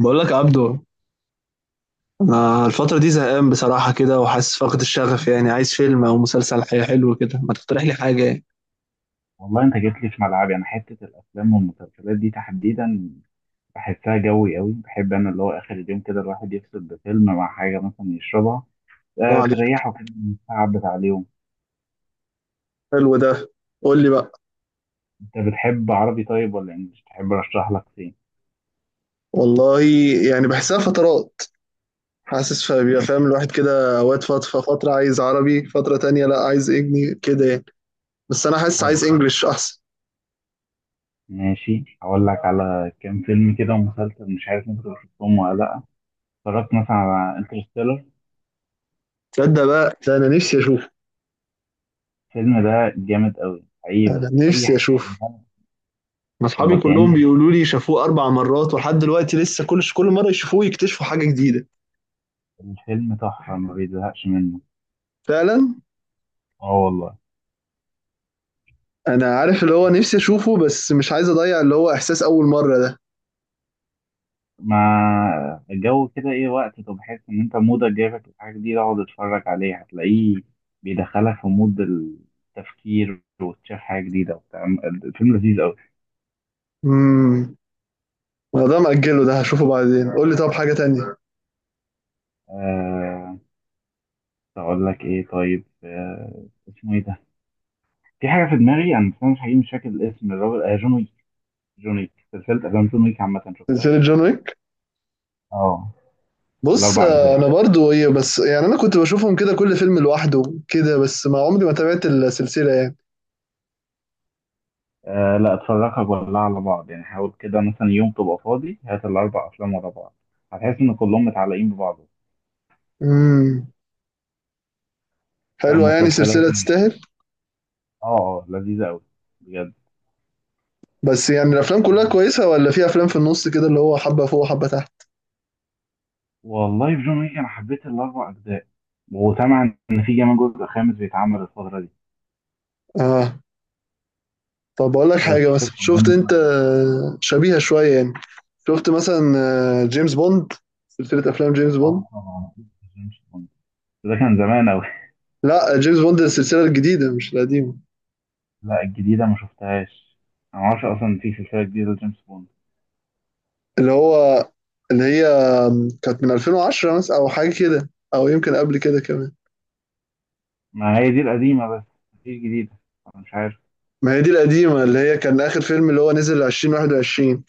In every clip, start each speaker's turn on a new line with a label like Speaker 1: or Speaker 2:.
Speaker 1: بقول لك عبدو، انا الفترة دي زهقان بصراحة كده وحاسس فقد الشغف. يعني عايز فيلم او مسلسل حلو كده، ما تقترح لي حاجة يعني.
Speaker 2: والله انت جيت لي في ملعبي. انا حته الافلام والمسلسلات دي تحديدا بحسها جوي قوي. بحب انا اللي هو اخر اليوم كده الواحد يفصل بفيلم مع حاجه مثلا يشربها،
Speaker 1: الله
Speaker 2: آه،
Speaker 1: عليك.
Speaker 2: تريحه كده من التعب بتاع اليوم.
Speaker 1: حلو ده. قول لي بقى.
Speaker 2: انت بتحب عربي طيب ولا انجلش؟ تحب ارشح لك فين؟
Speaker 1: والله يعني بحسها فترات، حاسس، فبيبقى فاهم الواحد كده اوقات، فترة فترة عايز عربي، فترة تانية لا عايز انجلي كده يعني. بس انا حاسس
Speaker 2: طيب
Speaker 1: عايز
Speaker 2: تمام.
Speaker 1: انجلش احسن.
Speaker 2: ماشي، هقول لك على كام فيلم كده ومسلسل مش عارف انت شفتهم ولا لا. اتفرجت مثلا على انترستيلر؟
Speaker 1: تصدق بقى ده انا نفسي اشوف.
Speaker 2: الفيلم ده جامد قوي حقيقي، بس
Speaker 1: انا
Speaker 2: اي
Speaker 1: نفسي
Speaker 2: حاجه
Speaker 1: اشوف.
Speaker 2: عملها
Speaker 1: ما
Speaker 2: تبقى
Speaker 1: اصحابي كلهم
Speaker 2: كأن
Speaker 1: بيقولوا لي شافوه اربع مرات، ولحد دلوقتي لسه كل مرة يشوفوه يكتشفوا حاجة جديدة.
Speaker 2: الفيلم تحفه ما بيزهقش منه.
Speaker 1: فعلا.
Speaker 2: اه والله.
Speaker 1: انا عارف اللي هو نفسي اشوفه، بس مش عايز اضيع اللي هو احساس اول مرة ده.
Speaker 2: مع الجو كده ايه وقت، طب بحس ان انت مودك جايبك لحاجة جديدة اقعد اتفرج عليه هتلاقيه بيدخلك في مود التفكير وتشوف حاجة جديدة وبتاع. الفيلم لذيذ قوي.
Speaker 1: امم انا ده مأجله، ده هشوفه بعدين. قول لي طب حاجة تانية.
Speaker 2: أه، اقول لك ايه طيب؟ أه، اسمه ايه ده؟ في حاجة في دماغي انا، بس أنا مش حقيقي مش فاكر الاسم. الراجل آه جون ويك. جون ويك سلسلة افلام جون ويك عامة، شفتها؟
Speaker 1: سلسلة جون ويك.
Speaker 2: اه،
Speaker 1: بص
Speaker 2: الاربع
Speaker 1: آه،
Speaker 2: اجزاء.
Speaker 1: انا برضو هي، بس يعني انا كنت بشوفهم كده كل فيلم لوحده كده، بس ما عمري ما تابعت السلسلة يعني.
Speaker 2: أه لا، اتفرجها كلها على بعض يعني. حاول كده مثلا يوم تبقى فاضي هات الاربع افلام ورا بعض، هتحس ان كلهم متعلقين ببعض.
Speaker 1: امم حلوة يعني،
Speaker 2: فمسلسلات،
Speaker 1: سلسلة تستاهل.
Speaker 2: اه اه، لذيذة أوي بجد.
Speaker 1: بس يعني الافلام كلها كويسة، ولا في افلام في النص كده اللي هو حبة فوق وحبة تحت؟
Speaker 2: والله في جون ويك أنا حبيت الأربع أجزاء وسامع إن في كمان جزء خامس بيتعمل الفترة دي،
Speaker 1: اه. طب اقول لك
Speaker 2: بس
Speaker 1: حاجه، مثلا
Speaker 2: لسه
Speaker 1: شفت
Speaker 2: قدامي
Speaker 1: انت
Speaker 2: شوية.
Speaker 1: شبيهه شويه يعني، شفت مثلا آه، جيمس بوند، سلسله افلام جيمس بوند؟
Speaker 2: اه طبعا أكيد. جيمس بوند بس ده كان زمان أوي.
Speaker 1: لا، جيمس بوند السلسله الجديده مش القديمه.
Speaker 2: لا، الجديدة ما شفتهاش. أنا معرفش أصلا في سلسلة جديدة لجيمس بوند.
Speaker 1: اللي هو، اللي هي كانت من 2010 مثلا او حاجه كده، او يمكن قبل كده كمان.
Speaker 2: ما هي دي القديمة بس، مفيش جديدة. أنا مش عارف.
Speaker 1: ما هي دي القديمه اللي هي كان اخر فيلم اللي هو نزل 2021،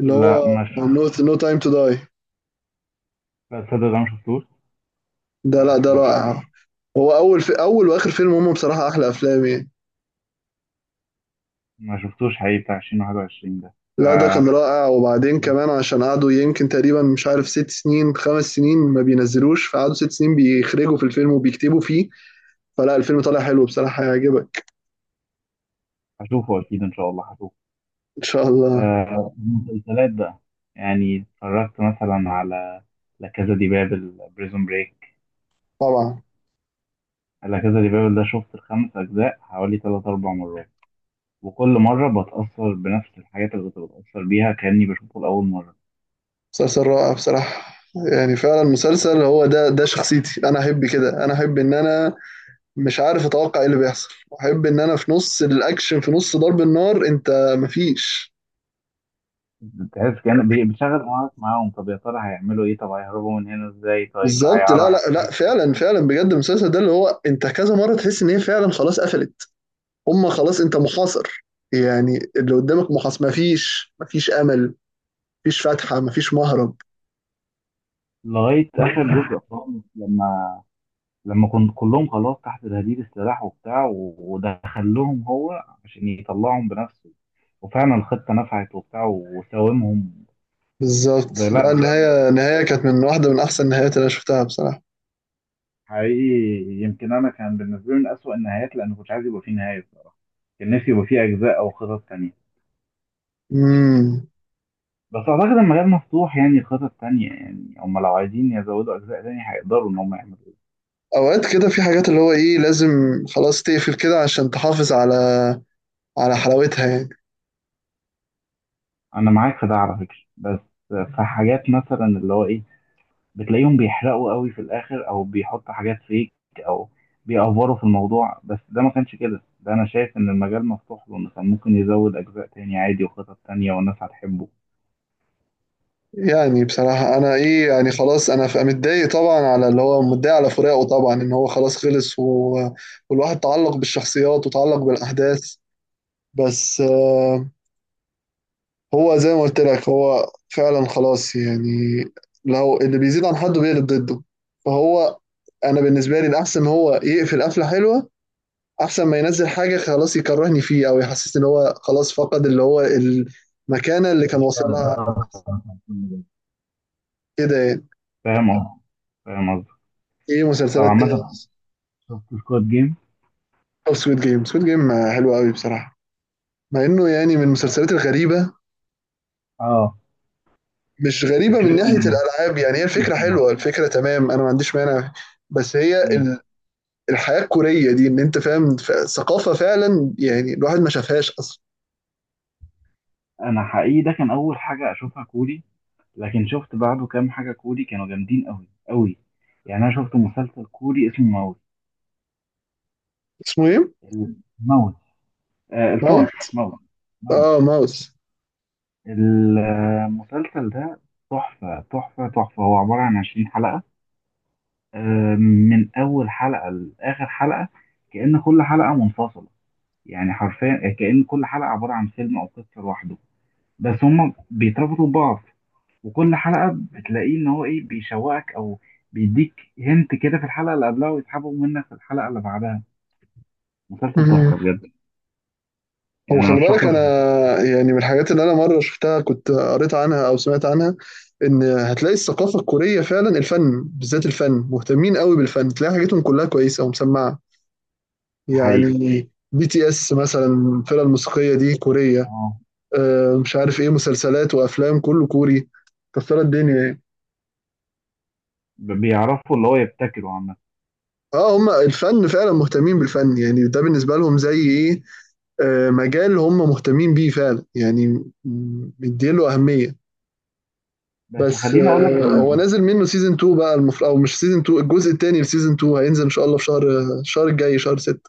Speaker 1: اللي
Speaker 2: لا
Speaker 1: هو
Speaker 2: ما شفت.
Speaker 1: نو تايم تو داي.
Speaker 2: لا تصدق، ده ما شفتوش.
Speaker 1: ده
Speaker 2: ما
Speaker 1: لا، ده
Speaker 2: شفتوش.
Speaker 1: رائع. هو اول، في اول واخر فيلم هم بصراحه احلى افلام يعني.
Speaker 2: ما شفتوش حقيقي بتاع 2021 ده
Speaker 1: لا ده كان رائع، وبعدين كمان عشان قعدوا يمكن تقريبا مش عارف ست سنين، خمس سنين ما بينزلوش، فقعدوا ست سنين بيخرجوا في الفيلم وبيكتبوا فيه، فلا الفيلم طالع حلو بصراحة، هيعجبك.
Speaker 2: هشوفه أكيد إن شاء الله هشوفه.
Speaker 1: إن شاء الله.
Speaker 2: آه، المسلسلات بقى. يعني اتفرجت مثلا على لا كازا دي بابل، بريزون بريك.
Speaker 1: طبعا.
Speaker 2: لا كازا دي بابل ده شفت الخمس أجزاء حوالي تلات أربع مرات، وكل مرة بتأثر بنفس الحاجات اللي كنت بتأثر بيها كأني بشوفه لأول مرة.
Speaker 1: مسلسل رائع بصراحة، يعني فعلا مسلسل، هو ده ده شخصيتي، أنا أحب كده، أنا أحب إن أنا مش عارف أتوقع إيه اللي بيحصل، وأحب إن أنا في نص الأكشن، في نص ضرب النار أنت مفيش.
Speaker 2: بتحس كأن بتشغل دماغك معاهم. طب يا ترى هيعملوا إيه؟ طب هيهربوا من هنا إزاي؟ طيب
Speaker 1: بالظبط، لا لا
Speaker 2: هيعرف
Speaker 1: لا فعلا فعلا بجد، المسلسل ده اللي هو أنت كذا مرة تحس إن هي فعلا خلاص قفلت، هم خلاص انت محاصر، يعني اللي قدامك محاصر، مفيش امل، مفيش فتحة، مفيش مهرب.
Speaker 2: لغاية آخر جزء خالص، لما كنت كلهم خلاص تحت تهديد السلاح وبتاع ودخلهم هو عشان يطلعهم بنفسه، وفعلا الخطة نفعت وبتاع وساومهم.
Speaker 1: بالظبط،
Speaker 2: لا
Speaker 1: لا،
Speaker 2: بجد.
Speaker 1: النهاية كانت من واحدة من أحسن النهايات اللي أنا شفتها بصراحة.
Speaker 2: حقيقي يمكن أنا كان بالنسبة لي من أسوأ النهايات، لأن كنت عايز يبقى فيه نهاية بصراحة. كان نفسي يبقى فيه أجزاء أو خطط تانية.
Speaker 1: امم
Speaker 2: بس أعتقد المجال مفتوح، يعني خطط تانية، يعني هم لو عايزين يزودوا أجزاء تانية هيقدروا إن هم يعملوا.
Speaker 1: أوقات كده في حاجات اللي هو إيه، لازم خلاص تقفل كده عشان تحافظ على على حلاوتها يعني.
Speaker 2: أنا معاك في ده على فكرة، بس في حاجات مثلا اللي هو إيه بتلاقيهم بيحرقوا قوي في الاخر او بيحطوا حاجات فيك او بيأفوروا في الموضوع. بس ده ما كانش كده، ده انا شايف ان المجال مفتوح له إنه كان ممكن يزود اجزاء تاني عادي وخطط تانية والناس هتحبه.
Speaker 1: يعني بصراحة أنا إيه، يعني خلاص أنا متضايق طبعا، على اللي هو متضايق على فراقه طبعا، إن هو خلاص خلص والواحد تعلق بالشخصيات وتعلق بالأحداث. بس آه، هو زي ما قلت لك هو فعلا خلاص يعني، لو اللي بيزيد عن حده بيقلب ضده، فهو انا بالنسبه لي الاحسن هو يقفل قفله حلوه، احسن ما ينزل حاجه خلاص يكرهني فيه، او يحسسني ان هو خلاص فقد اللي هو المكانه اللي كان واصل لها،
Speaker 2: فاهم قصدي.
Speaker 1: كده يعني.
Speaker 2: فاهم قصدي.
Speaker 1: ايه مسلسلات
Speaker 2: طبعا
Speaker 1: تاني؟
Speaker 2: مثلا شفت سكواد جيم؟
Speaker 1: او سquid جيم. سquid جيم حلو قوي بصراحه، مع انه يعني من المسلسلات الغريبه.
Speaker 2: اه.
Speaker 1: مش غريبه من ناحيه
Speaker 2: فكرته
Speaker 1: الالعاب يعني، هي
Speaker 2: فكرته
Speaker 1: الفكره
Speaker 2: مش
Speaker 1: حلوه،
Speaker 2: مفهومة.
Speaker 1: الفكره تمام، انا ما عنديش مانع، بس هي
Speaker 2: مم.
Speaker 1: الحياه الكوريه دي، ان انت فاهم ثقافه فعلا يعني الواحد ما شافهاش اصلا.
Speaker 2: انا حقيقي ده كان اول حاجه اشوفها كوري، لكن شفت بعده كام حاجه كوري كانوا جامدين قوي قوي. يعني انا شفت مسلسل كوري اسمه
Speaker 1: اسمه ايه؟
Speaker 2: الموت. آه، الفار
Speaker 1: ماونت؟
Speaker 2: موت. موت.
Speaker 1: اه، ماوس.
Speaker 2: المسلسل ده تحفة تحفة تحفة. هو عبارة عن 20 حلقة. آه، من أول حلقة لآخر حلقة كأن كل حلقة منفصلة، يعني حرفيا كأن كل حلقة عبارة عن فيلم أو قصة لوحده بس هما بيتربطوا ببعض. وكل حلقة بتلاقيه إن هو إيه بيشوقك أو بيديك هنت كده في الحلقة اللي قبلها ويسحبه منك في الحلقة اللي بعدها. مسلسل
Speaker 1: مم.
Speaker 2: تحفة بجد.
Speaker 1: هو
Speaker 2: يعني
Speaker 1: خلي
Speaker 2: أرشح
Speaker 1: بالك
Speaker 2: لك.
Speaker 1: انا، يعني من الحاجات اللي انا مره شفتها كنت قريت عنها او سمعت عنها، ان هتلاقي الثقافه الكوريه فعلا الفن بالذات، الفن مهتمين قوي بالفن، تلاقي حاجاتهم كلها كويسه ومسمعه،
Speaker 2: حقيقي
Speaker 1: يعني بي تي اس مثلا، الفرقه الموسيقيه دي كوريه. آه، مش عارف ايه، مسلسلات وافلام كله كوري، كسرت الدنيا يعني.
Speaker 2: بيعرفوا اللي هو يبتكروا عامة.
Speaker 1: اه هم الفن فعلا مهتمين بالفن، يعني ده بالنسبة لهم زي ايه، آه، مجال هم مهتمين بيه فعلا يعني، مديله أهمية.
Speaker 2: بس
Speaker 1: بس
Speaker 2: خليني اقول لك احنا
Speaker 1: آه، هو نازل منه سيزون 2 بقى المفروض، او مش سيزون 2، الجزء الثاني لسيزون 2 هينزل ان شاء الله في شهر، الشهر الجاي شهر 6.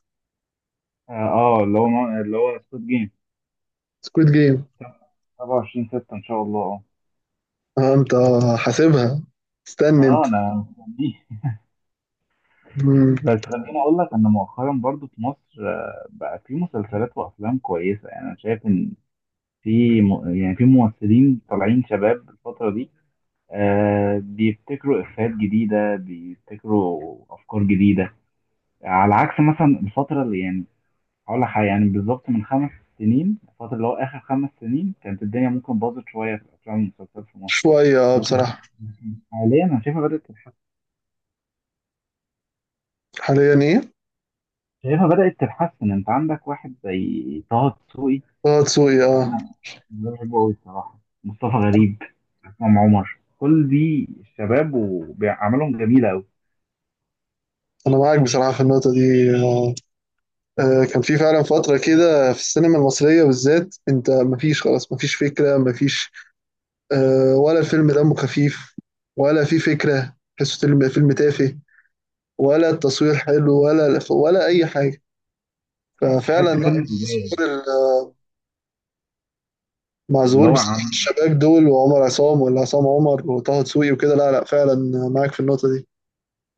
Speaker 2: اه آه، اللي هو اللي هو سكوت جيم
Speaker 1: سكويد جيم.
Speaker 2: 27 6 ان شاء الله.
Speaker 1: اه انت حاسبها، استنى
Speaker 2: اه
Speaker 1: انت.
Speaker 2: اه انا مستنيه.
Speaker 1: مم.
Speaker 2: بس خليني اقول لك ان مؤخرا برضو في مصر آه، بقى في مسلسلات وافلام كويسه. يعني انا شايف ان في يعني في ممثلين طالعين شباب الفتره دي، آه، بيبتكروا افيهات جديده بيبتكروا افكار جديده، على عكس مثلا الفتره اللي يعني هقول لك حاجة يعني بالظبط من 5 سنين. الفترة اللي هو آخر 5 سنين كانت الدنيا ممكن باظت شوية في الأفلام والمسلسلات في مصر.
Speaker 1: شوية آه،
Speaker 2: لكن
Speaker 1: بصراحة.
Speaker 2: لكن حاليا أنا شايفها بدأت تتحسن.
Speaker 1: حاليا ايه؟
Speaker 2: شايفها بدأت تتحسن. أنت عندك واحد زي طه دسوقي.
Speaker 1: اه، تسوقي،
Speaker 2: أنا
Speaker 1: اه.
Speaker 2: أنا بحبه أوي الصراحة. مصطفى غريب، عصام عمر، كل دي الشباب وبيعملهم جميلة أوي.
Speaker 1: انا معاك بصراحة في النقطة دي. آه، آه، كان في فعلا فترة كده في السينما المصرية بالذات، انت مفيش خلاص، مفيش فكرة، مفيش آه، ولا الفيلم دمه خفيف، ولا في فكرة، تحسه فيلم تافه، ولا التصوير حلو، ولا ولا أي حاجة، ففعلا
Speaker 2: تحسه
Speaker 1: لا.
Speaker 2: فيلم تجاري.
Speaker 1: ظهور ال- مع
Speaker 2: اللي هو عم
Speaker 1: الشباب دول، وعمر عصام، ولا عصام عمر، وطه دسوقي وكده، لا لا فعلا معاك في النقطة دي.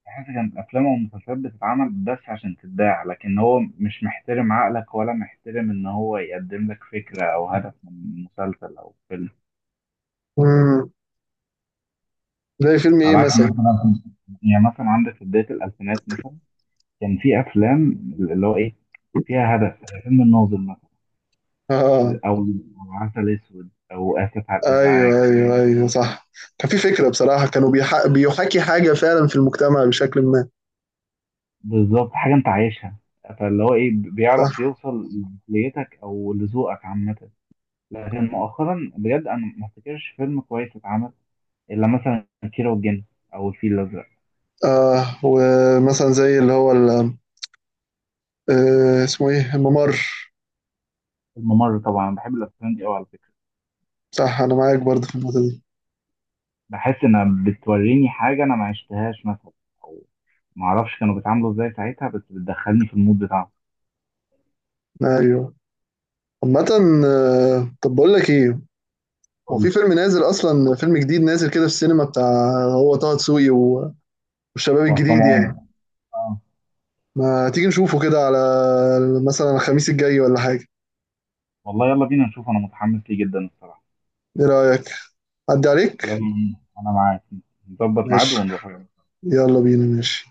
Speaker 2: حاسس كانت أفلام ومسلسلات بتتعمل بس عشان تتباع، لكن هو مش محترم عقلك ولا محترم إن هو يقدم لك فكرة أو هدف من مسلسل أو فيلم.
Speaker 1: مم. زي فيلم ايه
Speaker 2: على عكس
Speaker 1: مثلا؟
Speaker 2: مثلا، يعني مثلا عندك في بداية الألفينات مثلا كان في أفلام اللي هو إيه فيها هدف زي فيلم الناظر مثلا،
Speaker 1: اه،
Speaker 2: أو أو عسل أسود أو آسف على الإزعاج.
Speaker 1: ايوه ايوه ايوه صح، كان في فكرة بصراحة، كانوا بيحاكي حاجة فعلا في المجتمع بشكل ما.
Speaker 2: بالظبط حاجة أنت عايشها، فاللي هو إيه بيعرف
Speaker 1: صح.
Speaker 2: يوصل لعقليتك أو لذوقك عامة. لكن مؤخرا بجد أنا ما افتكرش فيلم كويس اتعمل إلا مثلا كيرة والجن أو الفيل الأزرق.
Speaker 1: آه، ومثلا زي اللي هو آه اسمه ايه، الممر.
Speaker 2: الممر طبعا بحب الأفلام دي أوي على فكرة.
Speaker 1: صح، انا معاك برضه في النقطة دي.
Speaker 2: بحس إنها بتوريني حاجة أنا ما عشتهاش مثلا، أو ما أعرفش كانوا بيتعاملوا إزاي ساعتها، بس بتدخلني في المود بتاعهم.
Speaker 1: ايوه. عامة آه، طب بقول لك ايه، هو في
Speaker 2: قولي.
Speaker 1: فيلم نازل اصلا، فيلم جديد نازل كده في السينما بتاع، هو طه دسوقي والشباب
Speaker 2: وعصام
Speaker 1: الجديد يعني.
Speaker 2: عمر آه.
Speaker 1: ما تيجي نشوفه كده على مثلا الخميس الجاي ولا حاجة؟
Speaker 2: والله يلا بينا نشوف، أنا متحمس ليه جدا الصراحة.
Speaker 1: ايه رأيك؟ عدي
Speaker 2: يلا
Speaker 1: عليك.
Speaker 2: بينا. أنا معاك. نظبط ميعاد
Speaker 1: ماشي،
Speaker 2: ونروح يلا.
Speaker 1: يلا بينا، ماشي.